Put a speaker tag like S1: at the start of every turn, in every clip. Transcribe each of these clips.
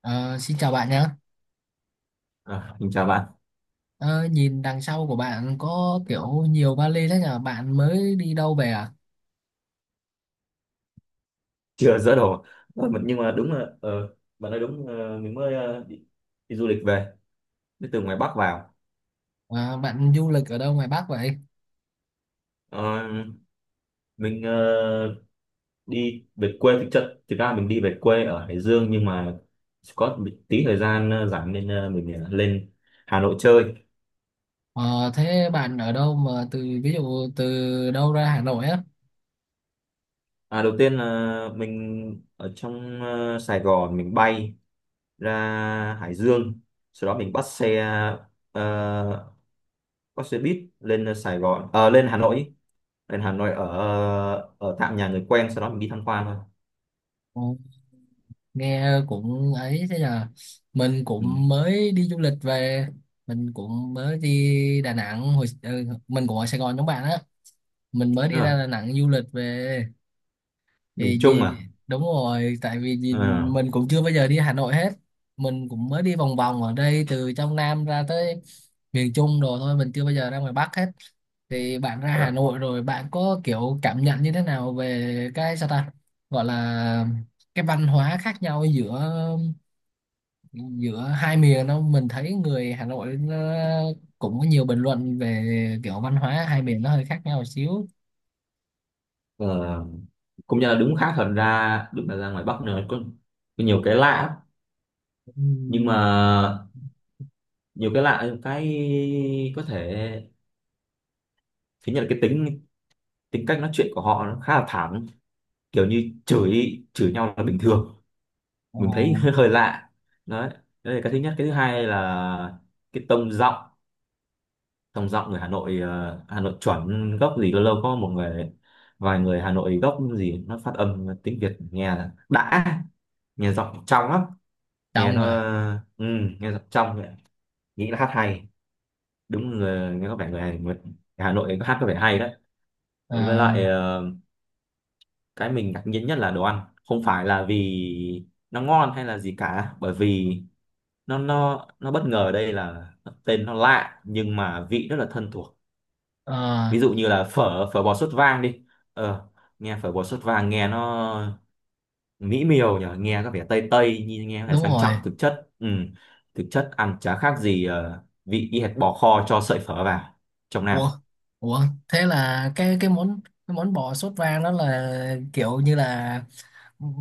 S1: Ờ, Xin chào bạn nhé.
S2: À, mình chào bạn.
S1: Ờ, Nhìn đằng sau của bạn có kiểu nhiều vali thế nhờ. Bạn mới đi đâu về à?
S2: Chưa dỡ đồ. Nhưng mà đúng là, bạn nói đúng, mình mới đi du lịch về, đi từ ngoài Bắc vào.
S1: Ờ, Bạn du lịch ở đâu ngoài Bắc vậy?
S2: Ờ, mình đi về quê, thực ra mình đi về quê ở Hải Dương, nhưng mà có một tí thời gian rảnh, nên mình lên Hà Nội chơi.
S1: Ờ, Thế bạn ở đâu mà từ ví dụ từ đâu ra Hà Nội á?
S2: À, đầu tiên là mình ở trong Sài Gòn, mình bay ra Hải Dương, sau đó mình ờ, bắt xe buýt, lên Sài Gòn ờ, lên Hà Nội, ở ở tạm nhà người quen, sau đó mình đi tham quan thôi.
S1: Ờ, Nghe cũng ấy thế nhờ. Mình
S2: Ừ.
S1: cũng mới đi du lịch về. Mình cũng mới đi Đà Nẵng. Mình cũng ở Sài Gòn giống bạn á. Mình mới đi
S2: Đúng rồi.
S1: ra Đà Nẵng du lịch về.
S2: Miền
S1: Thì
S2: Trung
S1: gì,
S2: à?
S1: đúng rồi, tại vì gì
S2: Ờ,
S1: mình cũng chưa bao giờ đi Hà Nội hết. Mình cũng mới đi vòng vòng ở đây từ trong Nam ra tới miền Trung rồi thôi. Mình chưa bao giờ ra ngoài Bắc hết. Thì bạn ra Hà
S2: ờ,
S1: Nội rồi bạn có kiểu cảm nhận như thế nào về cái, sao ta gọi là, cái văn hóa khác nhau giữa giữa hai miền đâu? Mình thấy người Hà Nội nó cũng có nhiều bình luận về kiểu văn hóa hai miền nó hơi khác nhau một xíu.
S2: ờ. Cũng như là đúng, khác, thật ra đúng là ra ngoài Bắc nữa có nhiều cái lạ lắm. Nhưng mà
S1: Ừm.
S2: nhiều cái lạ, cái có thể thứ nhất là cái tính tính cách nói chuyện của họ nó khá là thẳng, kiểu như chửi chửi nhau là bình thường,
S1: ờ,
S2: mình thấy hơi, lạ đấy. Đấy là cái thứ nhất. Cái thứ hai là cái tông giọng. Tông giọng người Hà Nội, Hà Nội chuẩn gốc gì, lâu lâu có một người vài người Hà Nội gốc gì, nó phát âm tiếng Việt nghe là đã nghe giọng trong lắm. nghe
S1: Đông
S2: nó
S1: à?
S2: ừ, Nghe giọng trong vậy. Nghĩ là hát hay đúng, người nghe có vẻ người Hà Nội hát có vẻ hay đấy. Với lại
S1: À.
S2: cái mình ngạc nhiên nhất là đồ ăn, không phải là vì nó ngon hay là gì cả, bởi vì nó bất ngờ ở đây là tên nó lạ nhưng mà vị rất là thân thuộc.
S1: Ờ,
S2: Ví dụ như là phở phở bò sốt vang đi. ờ nghe phở bò sốt vang nghe nó mỹ miều nhỉ, nghe có vẻ tây tây, nhìn nghe có vẻ
S1: đúng
S2: sang
S1: rồi.
S2: trọng, thực chất, ừ, thực chất ăn chả khác gì vị y hệt bò kho cho sợi phở vào trong Nam.
S1: Ủa, ủa, thế là cái món, cái món bò sốt vang đó là kiểu như là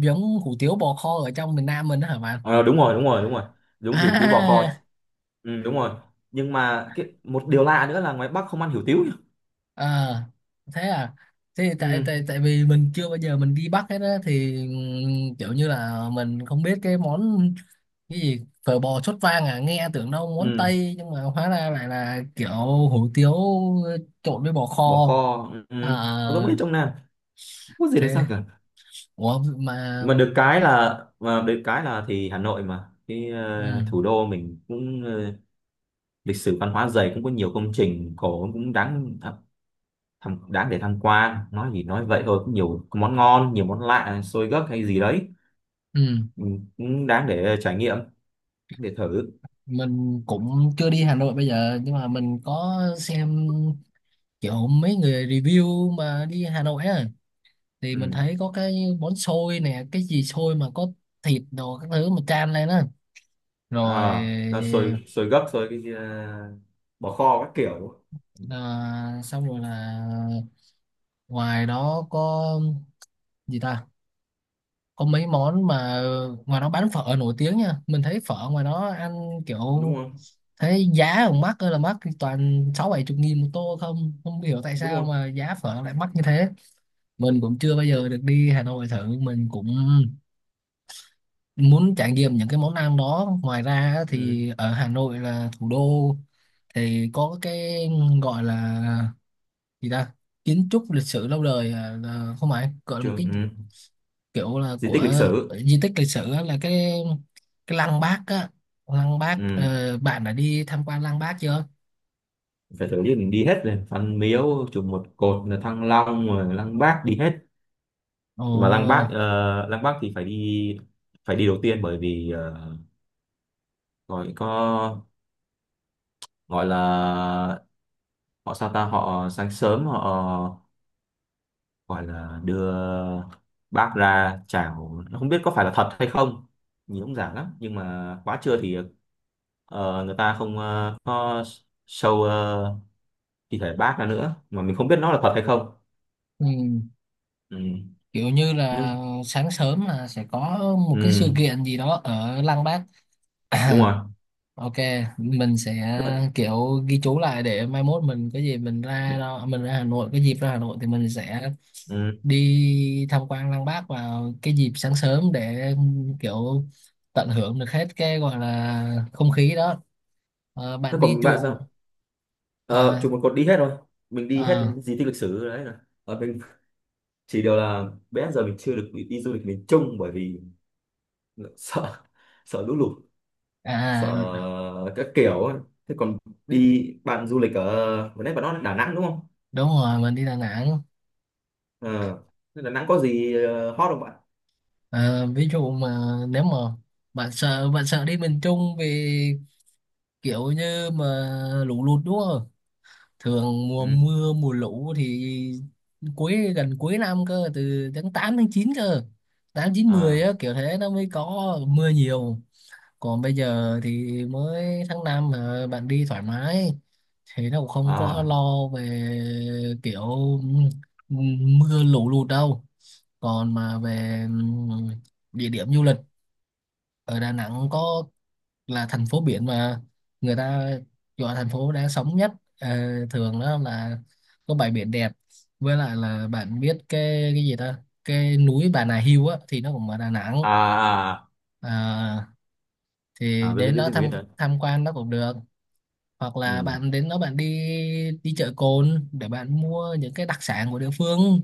S1: giống hủ tiếu bò kho ở trong miền Nam mình đó hả bạn?
S2: Ờ, Đúng rồi, đúng rồi, đúng rồi, đúng, hủ tiếu bò kho.
S1: À.
S2: Ừ, đúng rồi. Nhưng mà một điều lạ nữa là ngoài Bắc không ăn hủ tiếu nhỉ?
S1: ờ, Thế à. Thế thì tại
S2: Ừ,
S1: tại tại vì mình chưa bao giờ mình đi Bắc hết á thì kiểu như là mình không biết cái món, cái gì phở bò sốt vang à, nghe tưởng đâu món
S2: ừ.
S1: Tây nhưng mà hóa ra lại là kiểu hủ tiếu trộn với bò
S2: Bò
S1: kho.
S2: kho. Ừ. Ừ.
S1: À,
S2: Nó giống như trong Nam, không có gì được
S1: thế
S2: sang cả,
S1: ủa mà,
S2: mà được cái là, thì Hà Nội mà,
S1: ừ,
S2: thủ đô mình cũng, lịch sử văn hóa dày, cũng có nhiều công trình cổ, cũng đáng để tham quan. Nói gì nói vậy thôi, cũng nhiều món ngon, nhiều món lạ, xôi gấc hay gì đấy,
S1: ừ,
S2: ừ, cũng đáng để trải nghiệm, để thử.
S1: mình cũng chưa đi Hà Nội bây giờ nhưng mà mình có xem kiểu mấy người review mà đi Hà Nội á thì mình
S2: Ừ.
S1: thấy có cái bón xôi nè, cái gì xôi mà có thịt đồ các thứ mà chan lên á rồi.
S2: À, nó xôi, xôi gấc, xôi bò kho các kiểu. Ừ,
S1: À, xong rồi là ngoài đó có gì ta, có mấy món mà ngoài đó bán phở nổi tiếng nha. Mình thấy phở ngoài đó ăn kiểu
S2: đúng không?
S1: thế giá ở mắc ơi là mắc, toàn sáu bảy chục nghìn một tô không, không hiểu tại
S2: Đúng
S1: sao
S2: không?
S1: mà giá phở lại mắc như thế. Mình cũng chưa bao giờ
S2: Đấy.
S1: được đi Hà Nội thử. Mình cũng muốn trải nghiệm những cái món ăn đó. Ngoài ra á,
S2: Ừ.
S1: thì ở Hà Nội là thủ đô thì có cái gọi là, gì ta, kiến trúc lịch sử lâu đời, à, là không phải gọi là một
S2: Trường,
S1: cái
S2: ừ.
S1: kiểu là
S2: Di
S1: của
S2: tích lịch sử.
S1: di tích lịch sử á, là cái lăng Bác á, lăng Bác.
S2: Ừ.
S1: Ờ, Bạn đã đi tham quan lăng Bác chưa?
S2: Phải tổ chức đi hết rồi, Văn Miếu, chùa Một Cột, là Thăng Long rồi Lăng Bác đi hết.
S1: Ồ.
S2: Mà Lăng Bác thì phải đi, phải đi đầu tiên, bởi vì gọi có gọi là họ sao ta, họ sáng sớm họ gọi là đưa bác ra chào, không biết có phải là thật hay không, nhìn cũng giả lắm. Nhưng mà quá trưa thì người ta không có show thi thể bác ra nữa, mà mình không biết nó là thật hay không.
S1: Ừ.
S2: Ừ.
S1: Kiểu như là
S2: Nhưng-
S1: sáng sớm là sẽ có một cái
S2: ừ.
S1: sự kiện gì đó ở Lăng Bác.
S2: Đúng rồi.
S1: Ok, mình sẽ
S2: Đấy.
S1: kiểu ghi chú lại để mai mốt mình có gì mình ra đó, mình ra Hà Nội, cái dịp ra Hà Nội thì mình sẽ
S2: Ừ.
S1: đi tham quan Lăng Bác vào cái dịp sáng sớm để kiểu tận hưởng được hết cái gọi là không khí đó.
S2: Thế
S1: Bạn đi
S2: còn bạn
S1: chuồng
S2: sao? Ờ,
S1: à,
S2: Chụp một cột đi hết rồi, mình đi hết
S1: à,
S2: di tích lịch sử đấy là, mình chỉ điều là bé giờ mình chưa được đi du lịch miền Trung, bởi vì sợ, lũ lụt, sợ
S1: à, à,
S2: các kiểu ấy. Thế còn bạn du lịch ở, vừa nãy bạn nói là Đà Nẵng đúng không?
S1: đúng rồi, mình đi Đà Nẵng.
S2: Ờ. Thế Đà Nẵng có gì hot không bạn?
S1: Ờ, Ví dụ mà, nếu mà bạn sợ đi miền Trung vì kiểu như mà lũ lụt đúng không? Thường mùa
S2: Ừ.
S1: mưa mùa lũ thì cuối, gần cuối năm cơ, từ tháng 8 tháng 9 cơ. 8, 9, 10
S2: à
S1: á kiểu thế nó mới có mưa nhiều. Còn bây giờ thì mới tháng 5 mà bạn đi thoải mái thì nó cũng không có
S2: à
S1: lo về kiểu mưa lũ lụt đâu. Còn mà về địa điểm du lịch ở Đà Nẵng có, là thành phố biển mà người ta gọi thành phố đáng sống nhất. Ờ, thường đó là có bãi biển đẹp, với lại là bạn biết cái gì ta, cái núi Bà Nà Hills á thì nó cũng ở Đà Nẵng.
S2: à à
S1: À, thì
S2: Biết biết
S1: đến
S2: biết
S1: đó
S2: biết, mình biết
S1: tham
S2: rồi.
S1: tham quan nó cũng được, hoặc là
S2: Ừ.
S1: bạn đến đó bạn đi, đi chợ Cồn để bạn mua những cái đặc sản của địa phương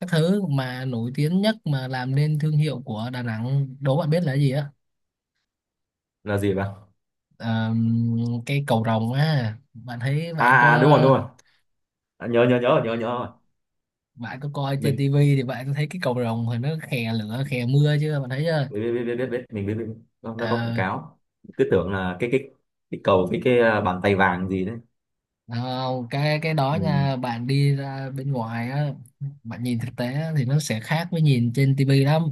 S1: các thứ mà nổi tiếng nhất mà làm nên thương hiệu của Đà Nẵng. Đố bạn biết là cái gì á?
S2: Là gì bạn?
S1: Ờ, cái cầu rồng á, bạn thấy
S2: À.
S1: bạn có,
S2: À, đúng rồi, đúng rồi. À, nhớ nhớ nhớ nhớ nhớ rồi.
S1: bạn có coi trên
S2: Mình
S1: tivi thì bạn có thấy cái cầu rồng thì nó khè lửa khè mưa chưa? Bạn thấy chưa?
S2: biết biết biết biết biết biết. Mình biết, biết. Nó có quảng
S1: ờ
S2: cáo. Cứ tưởng là cái cầu với bàn tay vàng gì đấy.
S1: Không, cái đó
S2: Ừ.
S1: nha, bạn đi ra bên ngoài á, bạn nhìn thực tế á, thì nó sẽ khác với nhìn trên tivi lắm.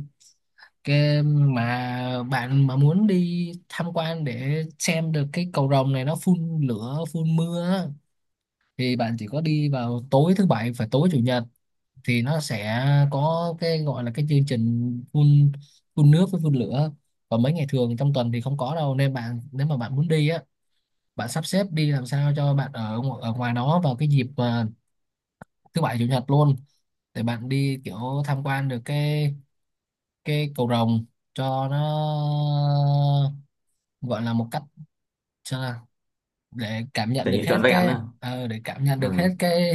S1: Cái mà bạn mà muốn đi tham quan để xem được cái cầu rồng này nó phun lửa phun mưa á, thì bạn chỉ có đi vào tối thứ bảy và tối chủ nhật thì nó sẽ có cái gọi là cái chương trình phun phun nước với phun lửa. Còn mấy ngày thường trong tuần thì không có đâu, nên bạn, nếu mà bạn muốn đi á, bạn sắp xếp đi làm sao cho bạn ở ở ngoài đó vào cái dịp mà thứ bảy chủ nhật luôn để bạn đi kiểu tham quan được cái cầu rồng cho nó gọi là một cách, sao nào?
S2: Trải nghiệm trọn vẹn à.
S1: Để cảm nhận
S2: Ừ.
S1: được hết cái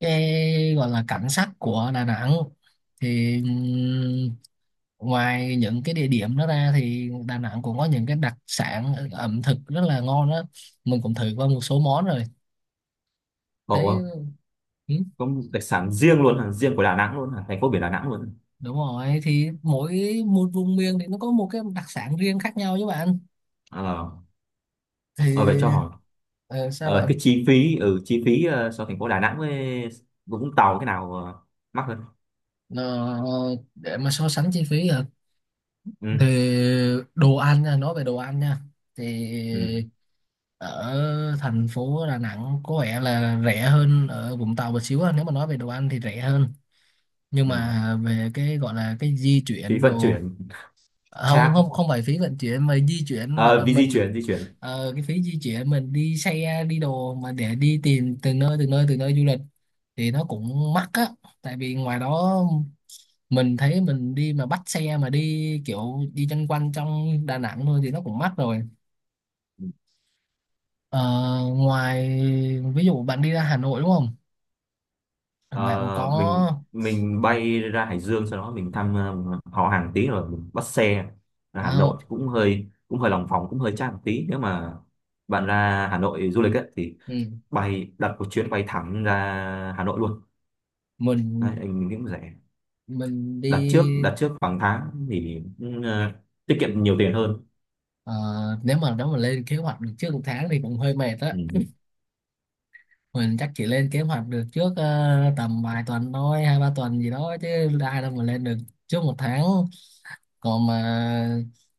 S1: cái gọi là cảnh sắc của Đà Nẵng. Thì ngoài những cái địa điểm đó ra thì Đà Nẵng cũng có những cái đặc sản ẩm thực rất là ngon đó. Mình cũng thử qua một số món rồi, thấy
S2: Ngộ không?
S1: ừ,
S2: Có một đặc sản riêng luôn à, riêng của Đà Nẵng luôn à, thành phố biển Đà Nẵng luôn.
S1: đúng rồi, thì mỗi một vùng miền thì nó có một cái đặc sản riêng khác nhau chứ bạn.
S2: Ờ.
S1: Thì
S2: Ờ, Vậy cho hỏi,
S1: ờ, sao bạn.
S2: cái chi phí ở ừ, chi phí, so thành phố Đà Nẵng với Vũng Tàu cái nào mắc hơn?
S1: Ờ, để mà so sánh chi phí à, thì
S2: Ừ.
S1: đồ ăn nha, nói về đồ ăn nha, thì
S2: Ừ.
S1: ở thành phố Đà Nẵng có vẻ là rẻ hơn ở Vũng Tàu một xíu á. Nếu mà nói về đồ ăn thì rẻ hơn, nhưng
S2: Nào?
S1: mà về cái gọi là cái di
S2: Phí
S1: chuyển
S2: vận
S1: đồ
S2: chuyển.
S1: à, không
S2: Chắc.
S1: không không phải phí vận chuyển mà di chuyển gọi
S2: Ờ,
S1: là
S2: Vì di
S1: mình.
S2: chuyển,
S1: Cái phí di chuyển mình đi xe đi đồ mà để đi tìm từ nơi du lịch thì nó cũng mắc á. Tại vì ngoài đó mình thấy mình đi mà bắt xe mà đi kiểu đi chân quanh trong Đà Nẵng thôi thì nó cũng mắc rồi. Ờ, Ngoài, ví dụ bạn đi ra Hà Nội đúng không? Bạn
S2: Ờ, mình
S1: có
S2: bay ra Hải Dương, sau đó mình thăm họ hàng tí, rồi mình bắt xe ra Hà
S1: à,
S2: Nội cũng hơi, lòng vòng, cũng hơi chát một tí. Nếu mà bạn ra Hà Nội du lịch ấy, thì
S1: ừ.
S2: bay đặt một chuyến bay thẳng ra Hà Nội luôn.
S1: mình
S2: Đấy, anh nghĩ cũng rẻ.
S1: mình
S2: Đặt trước,
S1: đi.
S2: đặt trước khoảng tháng thì cũng, tiết kiệm nhiều tiền hơn.
S1: Ờ, nếu mà lên kế hoạch được trước một tháng thì cũng hơi mệt á.
S2: Ừ.
S1: Mình chắc chỉ lên kế hoạch được trước tầm vài tuần thôi, 2-3 tuần gì đó chứ ai đâu mà lên được trước một tháng. Còn mà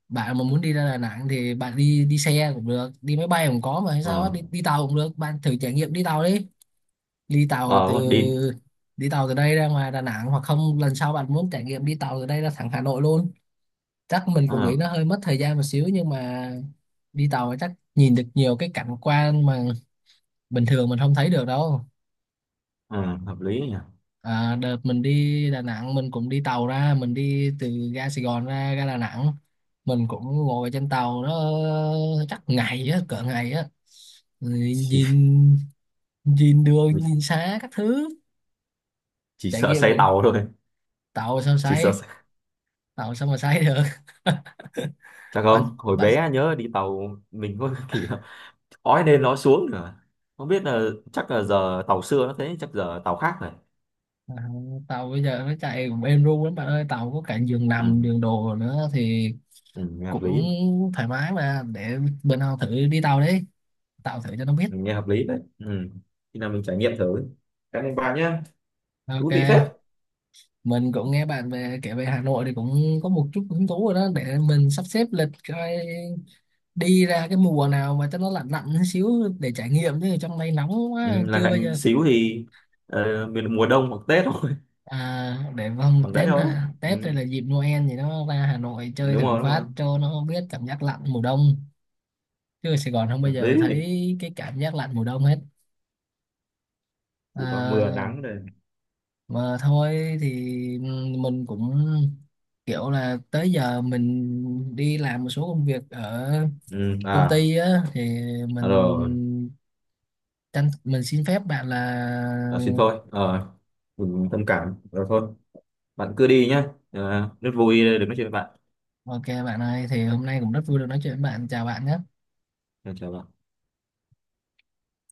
S1: bạn mà muốn đi ra Đà Nẵng thì bạn đi, đi xe cũng được, đi máy bay cũng có mà, hay
S2: Ờ.
S1: sao á, đi, đi tàu cũng được. Bạn thử trải nghiệm đi tàu đi, đi tàu
S2: Ờ, đúng
S1: từ
S2: rồi, đi.
S1: đi tàu từ đây ra ngoài Đà Nẵng, hoặc không lần sau bạn muốn trải nghiệm đi tàu từ đây ra thẳng Hà Nội luôn. Chắc mình cũng nghĩ
S2: Ờ.
S1: nó hơi mất thời gian một xíu nhưng mà đi tàu thì chắc nhìn được nhiều cái cảnh quan mà bình thường mình không thấy được đâu.
S2: Ờ, hợp lý nhỉ.
S1: À, đợt mình đi Đà Nẵng mình cũng đi tàu ra, mình đi từ ga Sài Gòn ra ga Đà Nẵng, mình cũng ngồi trên tàu nó chắc ngày á, cỡ ngày á. Rồi,
S2: chỉ,
S1: nhìn nhìn đường
S2: mình
S1: nhìn xa các thứ.
S2: chỉ
S1: Trải
S2: sợ
S1: nghiệm
S2: say
S1: cũng,
S2: tàu thôi.
S1: tàu sao
S2: chỉ sợ
S1: sấy,
S2: say-
S1: tàu sao mà sấy được.
S2: Chắc
S1: Bạn,
S2: không, hồi
S1: bạn.
S2: bé nhớ đi tàu mình có kỷ niệm ói lên nói xuống nữa, không biết là, chắc là giờ tàu xưa nó thế, chắc giờ tàu khác này.
S1: À, tàu bây giờ nó chạy cũng êm ru lắm bạn ơi, tàu có cả giường nằm
S2: Ừ.
S1: giường đồ nữa thì
S2: Ừ, nghe hợp
S1: cũng
S2: lý.
S1: thoải mái mà. Để bữa nào thử đi tàu, đi tàu thử cho nó biết.
S2: Ừ, nghe hợp lý đấy. Ừ. Khi nào mình trải nghiệm thử. Cảm ơn bà nhá. Thú
S1: Ok,
S2: vị phết.
S1: mình cũng nghe bạn về kể về Hà Nội thì cũng có một chút hứng thú rồi đó, để mình sắp xếp lịch coi đi ra cái mùa nào mà cho nó lạnh lạnh xíu để trải nghiệm, chứ trong đây nóng
S2: Ừ,
S1: quá
S2: là
S1: chưa bây
S2: lạnh
S1: giờ.
S2: xíu thì miền mùa đông hoặc Tết thôi.
S1: À, để vòng
S2: Bằng đấy
S1: Tết
S2: thôi.
S1: hả?
S2: Ừ.
S1: Tết đây là dịp Noel thì nó ra Hà Nội chơi
S2: Đúng
S1: thử
S2: rồi, đúng
S1: phát
S2: rồi.
S1: cho nó biết cảm giác lạnh mùa đông. Chứ ở Sài Gòn không bao
S2: Hợp
S1: giờ
S2: lý.
S1: thấy cái cảm giác lạnh mùa đông hết.
S2: Chỉ có mưa
S1: À,
S2: nắng rồi.
S1: mà thôi thì mình cũng kiểu là tới giờ mình đi làm một số công việc ở
S2: Ừ.
S1: công
S2: À.
S1: ty á thì
S2: À rồi.
S1: mình mình xin phép bạn là
S2: À, xin thôi. Ờ, mình thông cảm, rồi thôi, bạn cứ đi nhá, à, rất vui được nói chuyện với bạn.
S1: ok bạn ơi thì hôm nay cũng rất vui được nói chuyện với bạn, chào bạn nhé.
S2: Chào bạn.